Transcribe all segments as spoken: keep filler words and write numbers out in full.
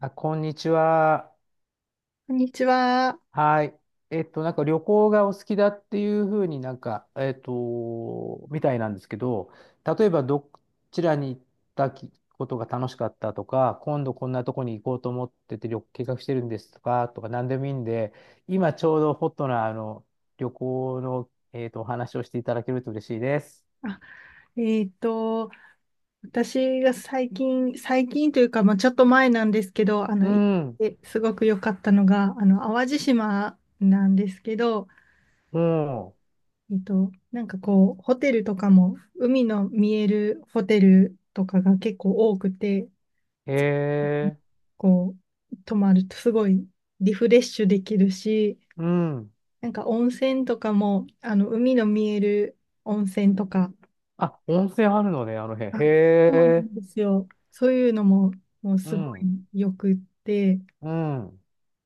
あ、こんにちは。こんにちは。はい。えっと、なんか旅行がお好きだっていうふうになんか、えっと、みたいなんですけど、例えばどちらに行ったきことが楽しかったとか、今度こんなとこに行こうと思ってて旅計画してるんですとか、とか何でもいいんで、今ちょうどホットなあの旅行の、えっと、お話をしていただけると嬉しいです。あ、えっと、私が最近、最近というか、まあ、ちょっと前なんですけど、あの、う行っん、てすごく良かったのが、あの、淡路島なんですけど、もえっと、なんかこう、ホテルとかも、海の見えるホテルとかが結構多くて、う、へえ、こう、泊まるとすごいリフレッシュできるし、うん。なんか温泉とかも、あの、海の見える温泉とか、あ、温泉あるのね、あの辺。あ、へそうなえ、んですよ。そういうのも、もううすごん。いよくって、うん。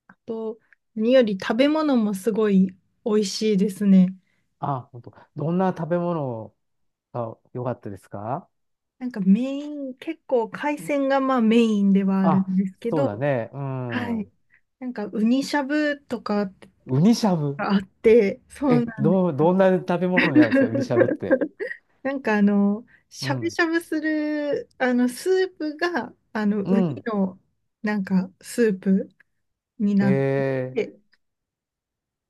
あと、何より食べ物もすごい美味しいですね。あ、本当。どんな食べ物が良かったですか？なんかメイン、結構海鮮がまあメインではあるあ、んですけそうど、だね。うはん。い。ウなんかウニしゃぶとかがニしゃぶ。あって、そえ、うなんでどう、す。どんな食べ物になるんですかウニしゃぶって？なんかあの、しうゃぶん。しゃぶする、あの、スープが、あの、ウうニん。の、なんか、スープにへなっえ。て、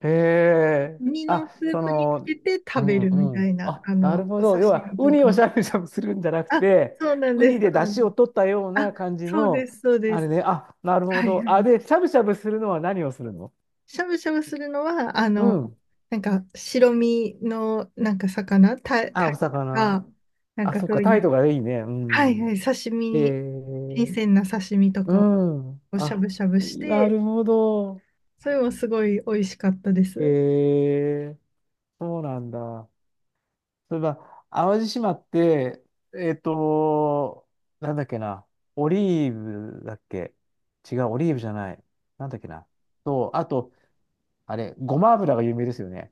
へえ。ウニのあ、スーそプにつの、けてう食べん、るみうたん。いな、あ、あなるの、ほお刺ど。要は、身ウとニをしか。ゃぶしゃぶするんじゃなくあ、て、そうなんウでニす、でそう出なんで汁をす。取ったようあ、な感じそうでの、す、そうであれす。ね。あ、なるほはいはど。あ、い。で、しゃぶしゃぶするのは何をするの？しゃぶしゃぶするのは、あうの、ん。なんか白身のなんか魚、タ、あ、タおイと魚。か、なんあ、かそっそか、うい態う、度がいいね。うはいはん。い、刺身えに、新ー、鮮な刺身とうかん。をしゃあ、ぶしゃぶしなて、るほど。それもすごい美味しかったです。えー、そうなんだ。そういえば、淡路島って、えっと、なんだっけな。オリーブだっけ？違う、オリーブじゃない。なんだっけな。と、あと、あれ、ごま油が有名ですよね。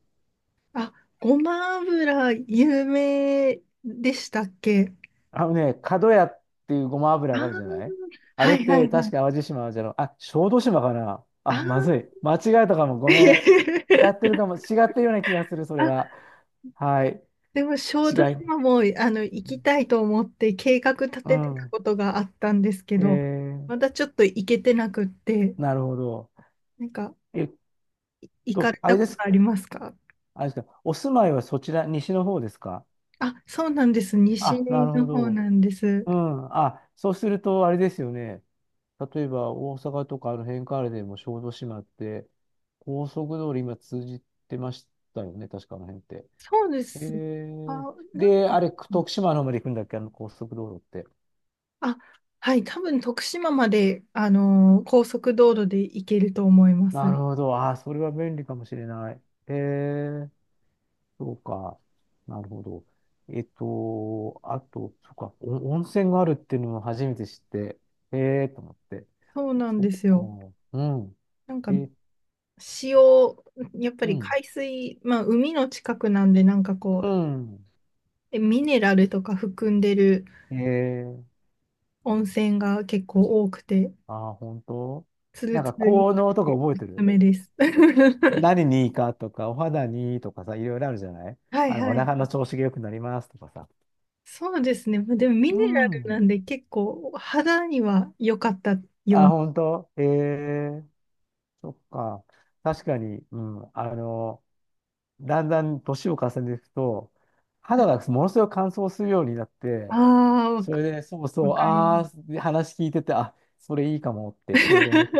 あ、ごま油有名でしたっけ？あのね、角屋っていうごまあ油があるー、じゃない？あれはっいはて、いは確い。か淡路島じゃろ、あ、小豆島かな。ああ、まずー。 い。間違えたかも。ごめん。やって るかも、違ってるような気がする、それあ、は。はい。でも小違豆い。島もあの行きたいと思って計画立うててたん。ことがあったんですけえど、ー、まだちょっと行けてなくって、なるほど。なんかえっ行かと、れあたれこでとす。ありますか？あれですか。お住まいはそちら、西の方ですか？あ、そうなんです。西あ、なるのほ方ど。なんです。うん。あ、そうすると、あれですよね。例えば、大阪とかあの辺からでも小豆島って、高速道路今通じてましたよね。確かあの辺って。そうでえす。あ、ー、なんで、あか、れ、徳島の方まで行くんだっけあの高速道路って？あ、はい、多分徳島まで、あのー高速道路で行けると思いまなす。るほど。ああ、それは便利かもしれない。へえ、そうか。なるほど。えっと、あと、そうか、お温泉があるっていうのを初めて知って、へえ、と思って。そうなんそっですよ。か。うん。なんかえ、塩、やっぱうりん。海水、まあ海の近くなんで、なんかこうう、ん。えミネラルとか含んでるへえ、温泉が結構多くて、ああ、本当？ツなルんツかルに効なっ能とかて覚おえすてする？めです。何にいいかとか、お肌にいいとかさ、いろいろあるじゃない？はいあの、おは腹のい。調子が良くなりますとかさ。そうですね。まあでもミネうラルなん。んで結構肌には良かったようあ、な。本当？ええ、そっか。確かに、うん。あの、だんだん年を重ねていくと、肌がものすごく乾燥するようになっあて、あ、わそれか、で、そうわそう、かりあまあ、す。で話聞いてて、あ、それいいかもってちょうど思った。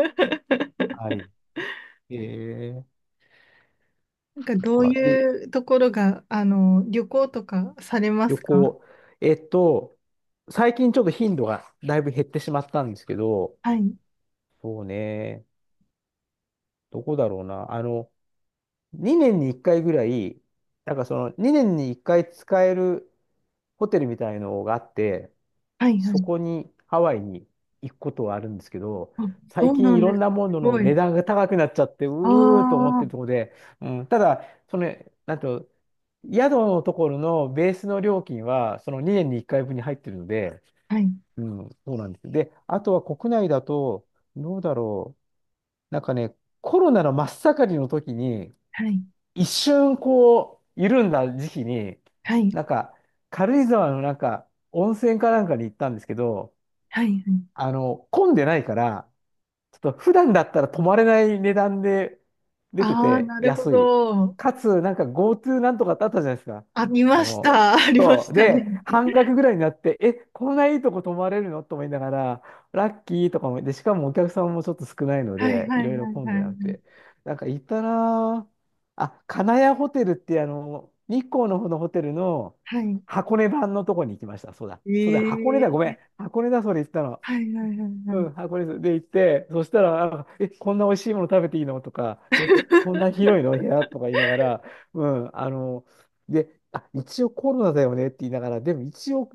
は い。えー、なんかどそうっかで、いうところが、あの、旅行とかされま旅すか？行。えっと、最近ちょっと頻度がだいぶ減ってしまったんですけど、はい。そうね、どこだろうな。あの、にねんにいっかいぐらい、なんかそのにねんにいっかい使えるホテルみたいのがあって、はいはそい。こにハワイに行くことはあるんですけど、あ、そ最う近ないんろです。んなもすののごい。値段が高くなっちゃって、あうーと思っあ、てるところで、うん、ただ、その、なんと、宿のところのベースの料金は、そのにねんにいっかいぶんに入ってるので、はい、うん、そうなんです。で、あとは国内だと、どうだろう、なんかね、コロナの真っ盛りの時に、はい、一瞬こう、緩んだ時期に、はい、なんか、軽井沢のなんか、温泉かなんかに行ったんですけど、はい、はい。あの、混んでないから、ちょっと普段だったら泊まれない値段で出てああー、てなるほ安い。ど。かつ、なんか GoTo なんとかってあったじゃないですか。あ、りあましの、た。ありまそしう。たね。で、半額ぐらいになって、え、こんないいとこ泊まれるのと思いながら、ラッキーとかも、で、しかもお客さんもちょっと少ないのはい、で、はいろい、はいろい、混んはでなくい、はい。て。なんか行ったなぁ。あ、金谷ホテルってあの、日光の方のホテルのはい。箱根版のとこに行きました。そうだ。えそうだ、箱根だ。ごえめん。ー、箱根だ、それ行ったの。はい、はい、はい、はうい。ん、箱根ですで行って、そしたら、なんかえ、こんな美味しいもの食べていいのとか、え、こんな 広いの部屋とか言いながら、うん、あの、で、あ、一応コロナだよねって言いながら、でも一応、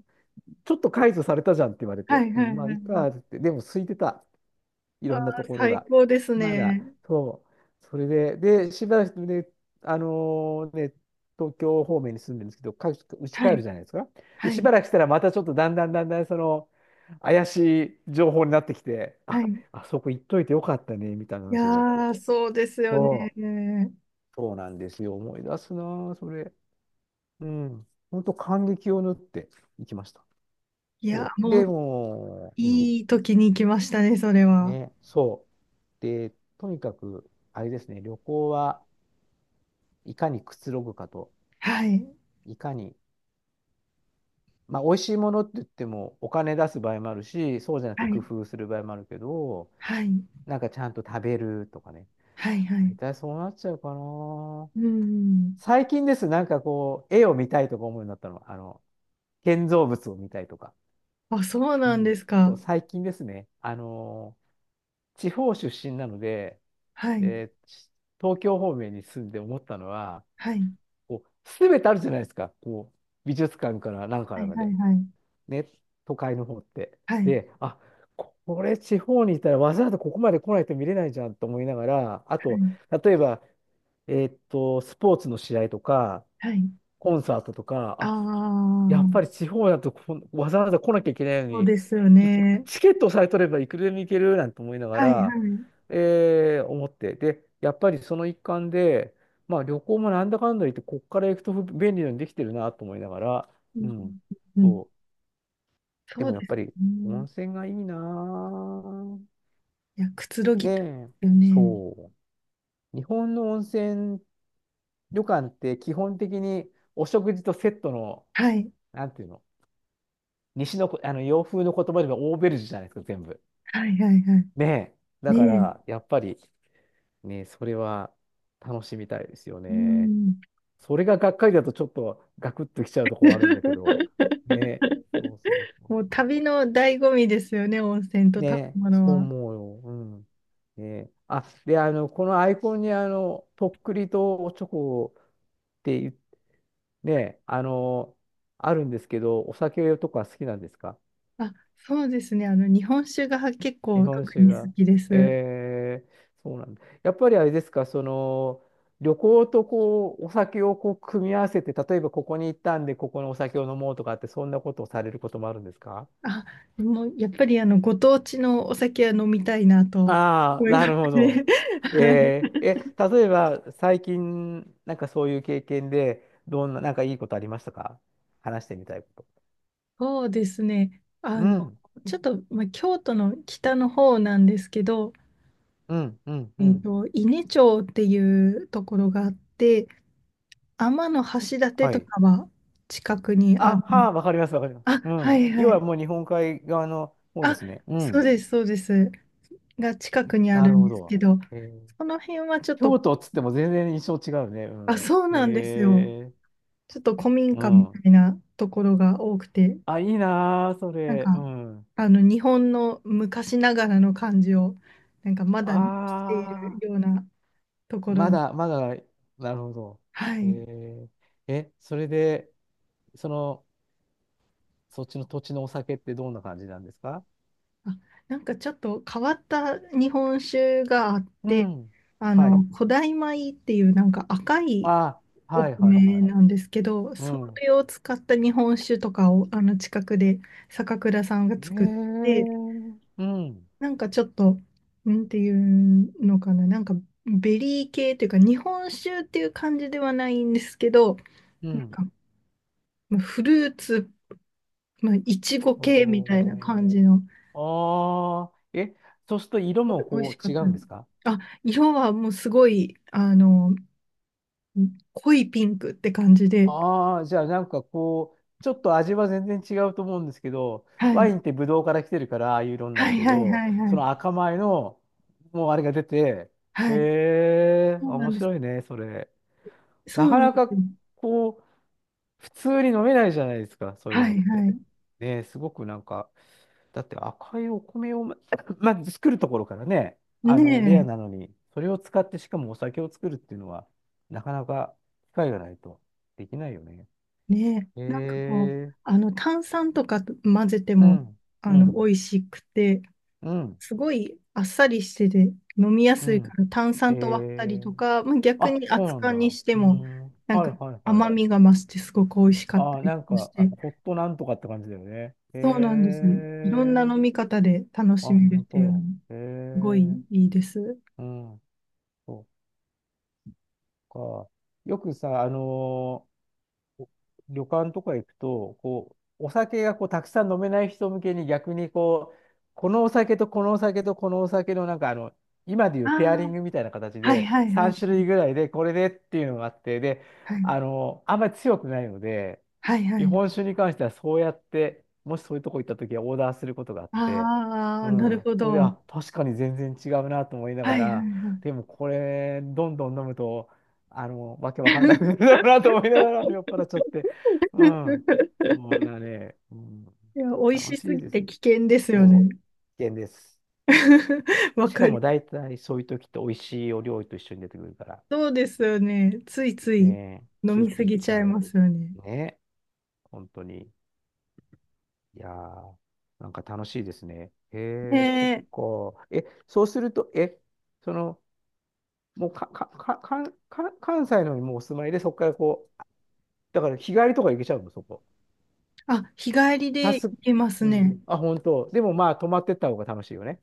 ちょっと解除されたじゃんって言われはて、い、うはん、い、まあ、はいいい。かって言って、でも空いてた。いあろあ、んなところ最が。高ですまだ、ね。そう。それで、で、しばらくね、あのね、東京方面に住んでるんですけど、かうちは帰るい、じゃないですか。で、はしい、ばらくしたらまたちょっとだんだんだんだんその、怪しい情報になってきて、はあ、い。あそこ行っといてよかったね、みたいない話になって。やー、そうですよそう。ね。そうなんですよ。思い出すなあ、それ。うん。本当感激を縫っていきました。いや、そう。もう、でもう、うんいい時に来ましたね、それは。ね、そう。で、とにかく、あれですね、旅行はいかにくつろぐかと、はい、いかに、まあ、美味しいものって言っても、お金出す場合もあるし、そうじゃなくては工い、夫する場合もあるけど、はい、なんかちゃんと食べるとかね、はい、は大い。体そうなっちゃうかな。うん。最近です、なんかこう、絵を見たいとか思うようになったの、あの、建造物を見たいとか。あ、そううなんでん、すそか。う、最近ですね、あのー地方出身なので、はい。えー東京方面に住んで思ったのは、はい。こう、すべてあるじゃないですか。こう、美術館からなんかはらい。まはい。で。はい。ね、都会の方って。はい。で、あ、これ地方にいたらわざわざここまで来ないと見れないじゃんと思いながら、あはと、い。例えば、えーっと、スポーツの試合とか、はい。コンサートとあか、やっぱりあ、地方だとこんわざわざ来なきゃいけないのそうに、ですよいね。チケットさえ取ればいくらでも行けるなんて思いながはい。はら、い。えー思って。で、やっぱりその一環で、まあ旅行もなんだかんだ言って、こっから行くと便利なようにできてるなと思いながら、ううんん。うんうん。そう。でそうもやっですぱより温ね。泉がいいなぁ。いや、くつろねぎたいでえ、すよね。そう。日本の温泉旅館って基本的にお食事とセットの、はい。なんていうの、西のこ、あの洋風の言葉でもオーベルジュじゃないですか、全部。はい。はい。はい。ねえ。だねかえ。ら、やっぱり、ね、それは楽しみたいですようね。ん。それががっかりだとちょっとガクッときちゃうとこはあるんだけど。ねえ。そうそう そうもうそ旅の醍醐味ですよね、温泉とう。ね食え、べ物そうは。思うよ。うん。ねえ。あ、で、あの、このアイコンに、あの、とっくりとおちょこって言っねえ、あの、あるんですけど、お酒とか好きなんですか？あ、そうですね。あの、日本酒が結日構本特酒に好が。きです。えー、そうなんだ。やっぱりあれですか、その、旅行とこう、お酒をこう、組み合わせて、例えばここに行ったんで、ここのお酒を飲もうとかって、そんなことをされることもあるんですか？あ、でもやっぱりあのご当地のお酒は飲みたいなとああ思ー、いまなするほね。ど。はい。えー、え、例えば、最近、なんかそういう経験で、どんな、なんかいいことありましたか？話してみたいこと。そうですね。あうの、ん、ちょっと、まあ、京都の北の方なんですけど、うん、うん、うえっん。と、伊根町っていうところがあって、天橋立はとい。かは近くにああ、る。はあ、わかります、わかります。あ、うはん。い要ははい。もう日本海側の方であ、すね。うそうん。です、そうです。が近くにあなるるんほですけど。ど、えーその辺はちょっと、京都っつっても全然印象違うね。うあ、ん。そうなんですよ。えー、ちょっと古民う家みたん。いなところが多くて、あ、いいなー、そなんれ。うか、ん。あの、日本の昔ながらの感じを、なんかまあだ残しているようー、なところ、まだ、まだ、なるほど。はえい。ー、え、それで、その、そっちの土地のお酒ってどんな感じなんですか？あ、なんかちょっと変わった日本酒があっうて、ん。あはの、い。古代米っていうなんか赤いあ、はおいはい米はい。なんですけど、うそん。れを使った日本酒とかを、あの、近くで坂倉さんがえ作って、ー、うん。なんかちょっと、なんていうのかな、なんかベリー系というか、日本酒っていう感じではないんですけど、うなんん。かまあフルーツ、まあ、いちご系みたいなお感ー、じの、あー、え、そうすると色も美味こしかう違ったうでんす。ですか？あ、色はもうすごい、あの、濃いピンクって感じで、ああ、じゃあなんかこう、ちょっと味は全然違うと思うんですけど、はワイい、ンってブドウから来てるから、ああいう色になはるいけはいど、はいはそい。の赤米の、もうあれが出て、へはい。え、そうな面んです。白いね、それ。そなうかなんなでかすよ。こう、普通に飲めないじゃないですか、そういうはのっいて。はねえ、すごくなんか、だって赤いお米をま、まず作るところからね、い。あねの、レアなえ。のに、それを使ってしかもお酒を作るっていうのは、なかなか機会がないとできないよね。ねえ、なんかこう、ええあの炭酸とか混ぜてうもん、あうのん、美味しくて、うん、すごいあっさりしてて飲みやうすいかん。ら炭え酸と割ったりえとか、まあ、逆あ、にそう熱なん燗だ。にうしてーもん。なんはいかはいは甘い。みが増してすごく美味しかったあー、りなとんかしか、あ、て、ホットなんとかって感じだよね。へそうなんですよ。いろんなえ。飲み方で楽あ、しめるほんっていうのと。もへすごえ。いいいです。うん。そっか。よくさ、あのー旅館とか行くと、こう、お酒がこうたくさん飲めない人向けに逆にこう、このお酒とこのお酒とこのお酒のなんかあの、今でいうペアリンあグみたいな形あ、はいではいはさんい種は類ぐい。らいでこれでっていうのがあって、で、はいあの、あんまり強くないので、はいは日い。本酒に関してはそうやって、もしそういうとこ行った時はオーダーすることがあって、あうあ、なるん。ほそれで、あ、ど。確かに全然違うなと思いながはいはいら、はでい。もこれ、どんどん飲むと、あの、わけわかんなくなるだろうなと思いながら酔っ払っちゃって。うん。そんなね、うん、いや、美味楽ししすいぎでてす。危険ですそよう。ね。危険です。わしかかる。も大体そういう時って美味しいお料理と一緒に出てくるから。そうですよね。ついついねえ、飲ついみつすい行っぎちちゃいゃう。ますよね。ねえ、本当に。いやー、なんか楽しいですね。へえ、そっねえ。か。え、そうすると、え、その、もうか、か、か、か、か関西のにもうお住まいで、そこからこう、だから日帰りとか行けちゃうの、そこ。あ、日帰りさで行す、けますうん。ね。あ、本当。でもまあ、泊まってった方が楽しいよね。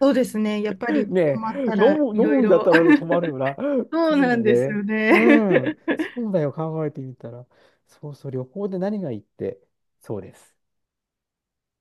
そうですね。やっぱり ね泊まっえ、た飲らむ、飲いろいむんだっろ。たら泊まるよな。そうそうなだよんですよね。うね。ん。そうだよ、考えてみたら。そうそう、旅行で何がいいって。そうです。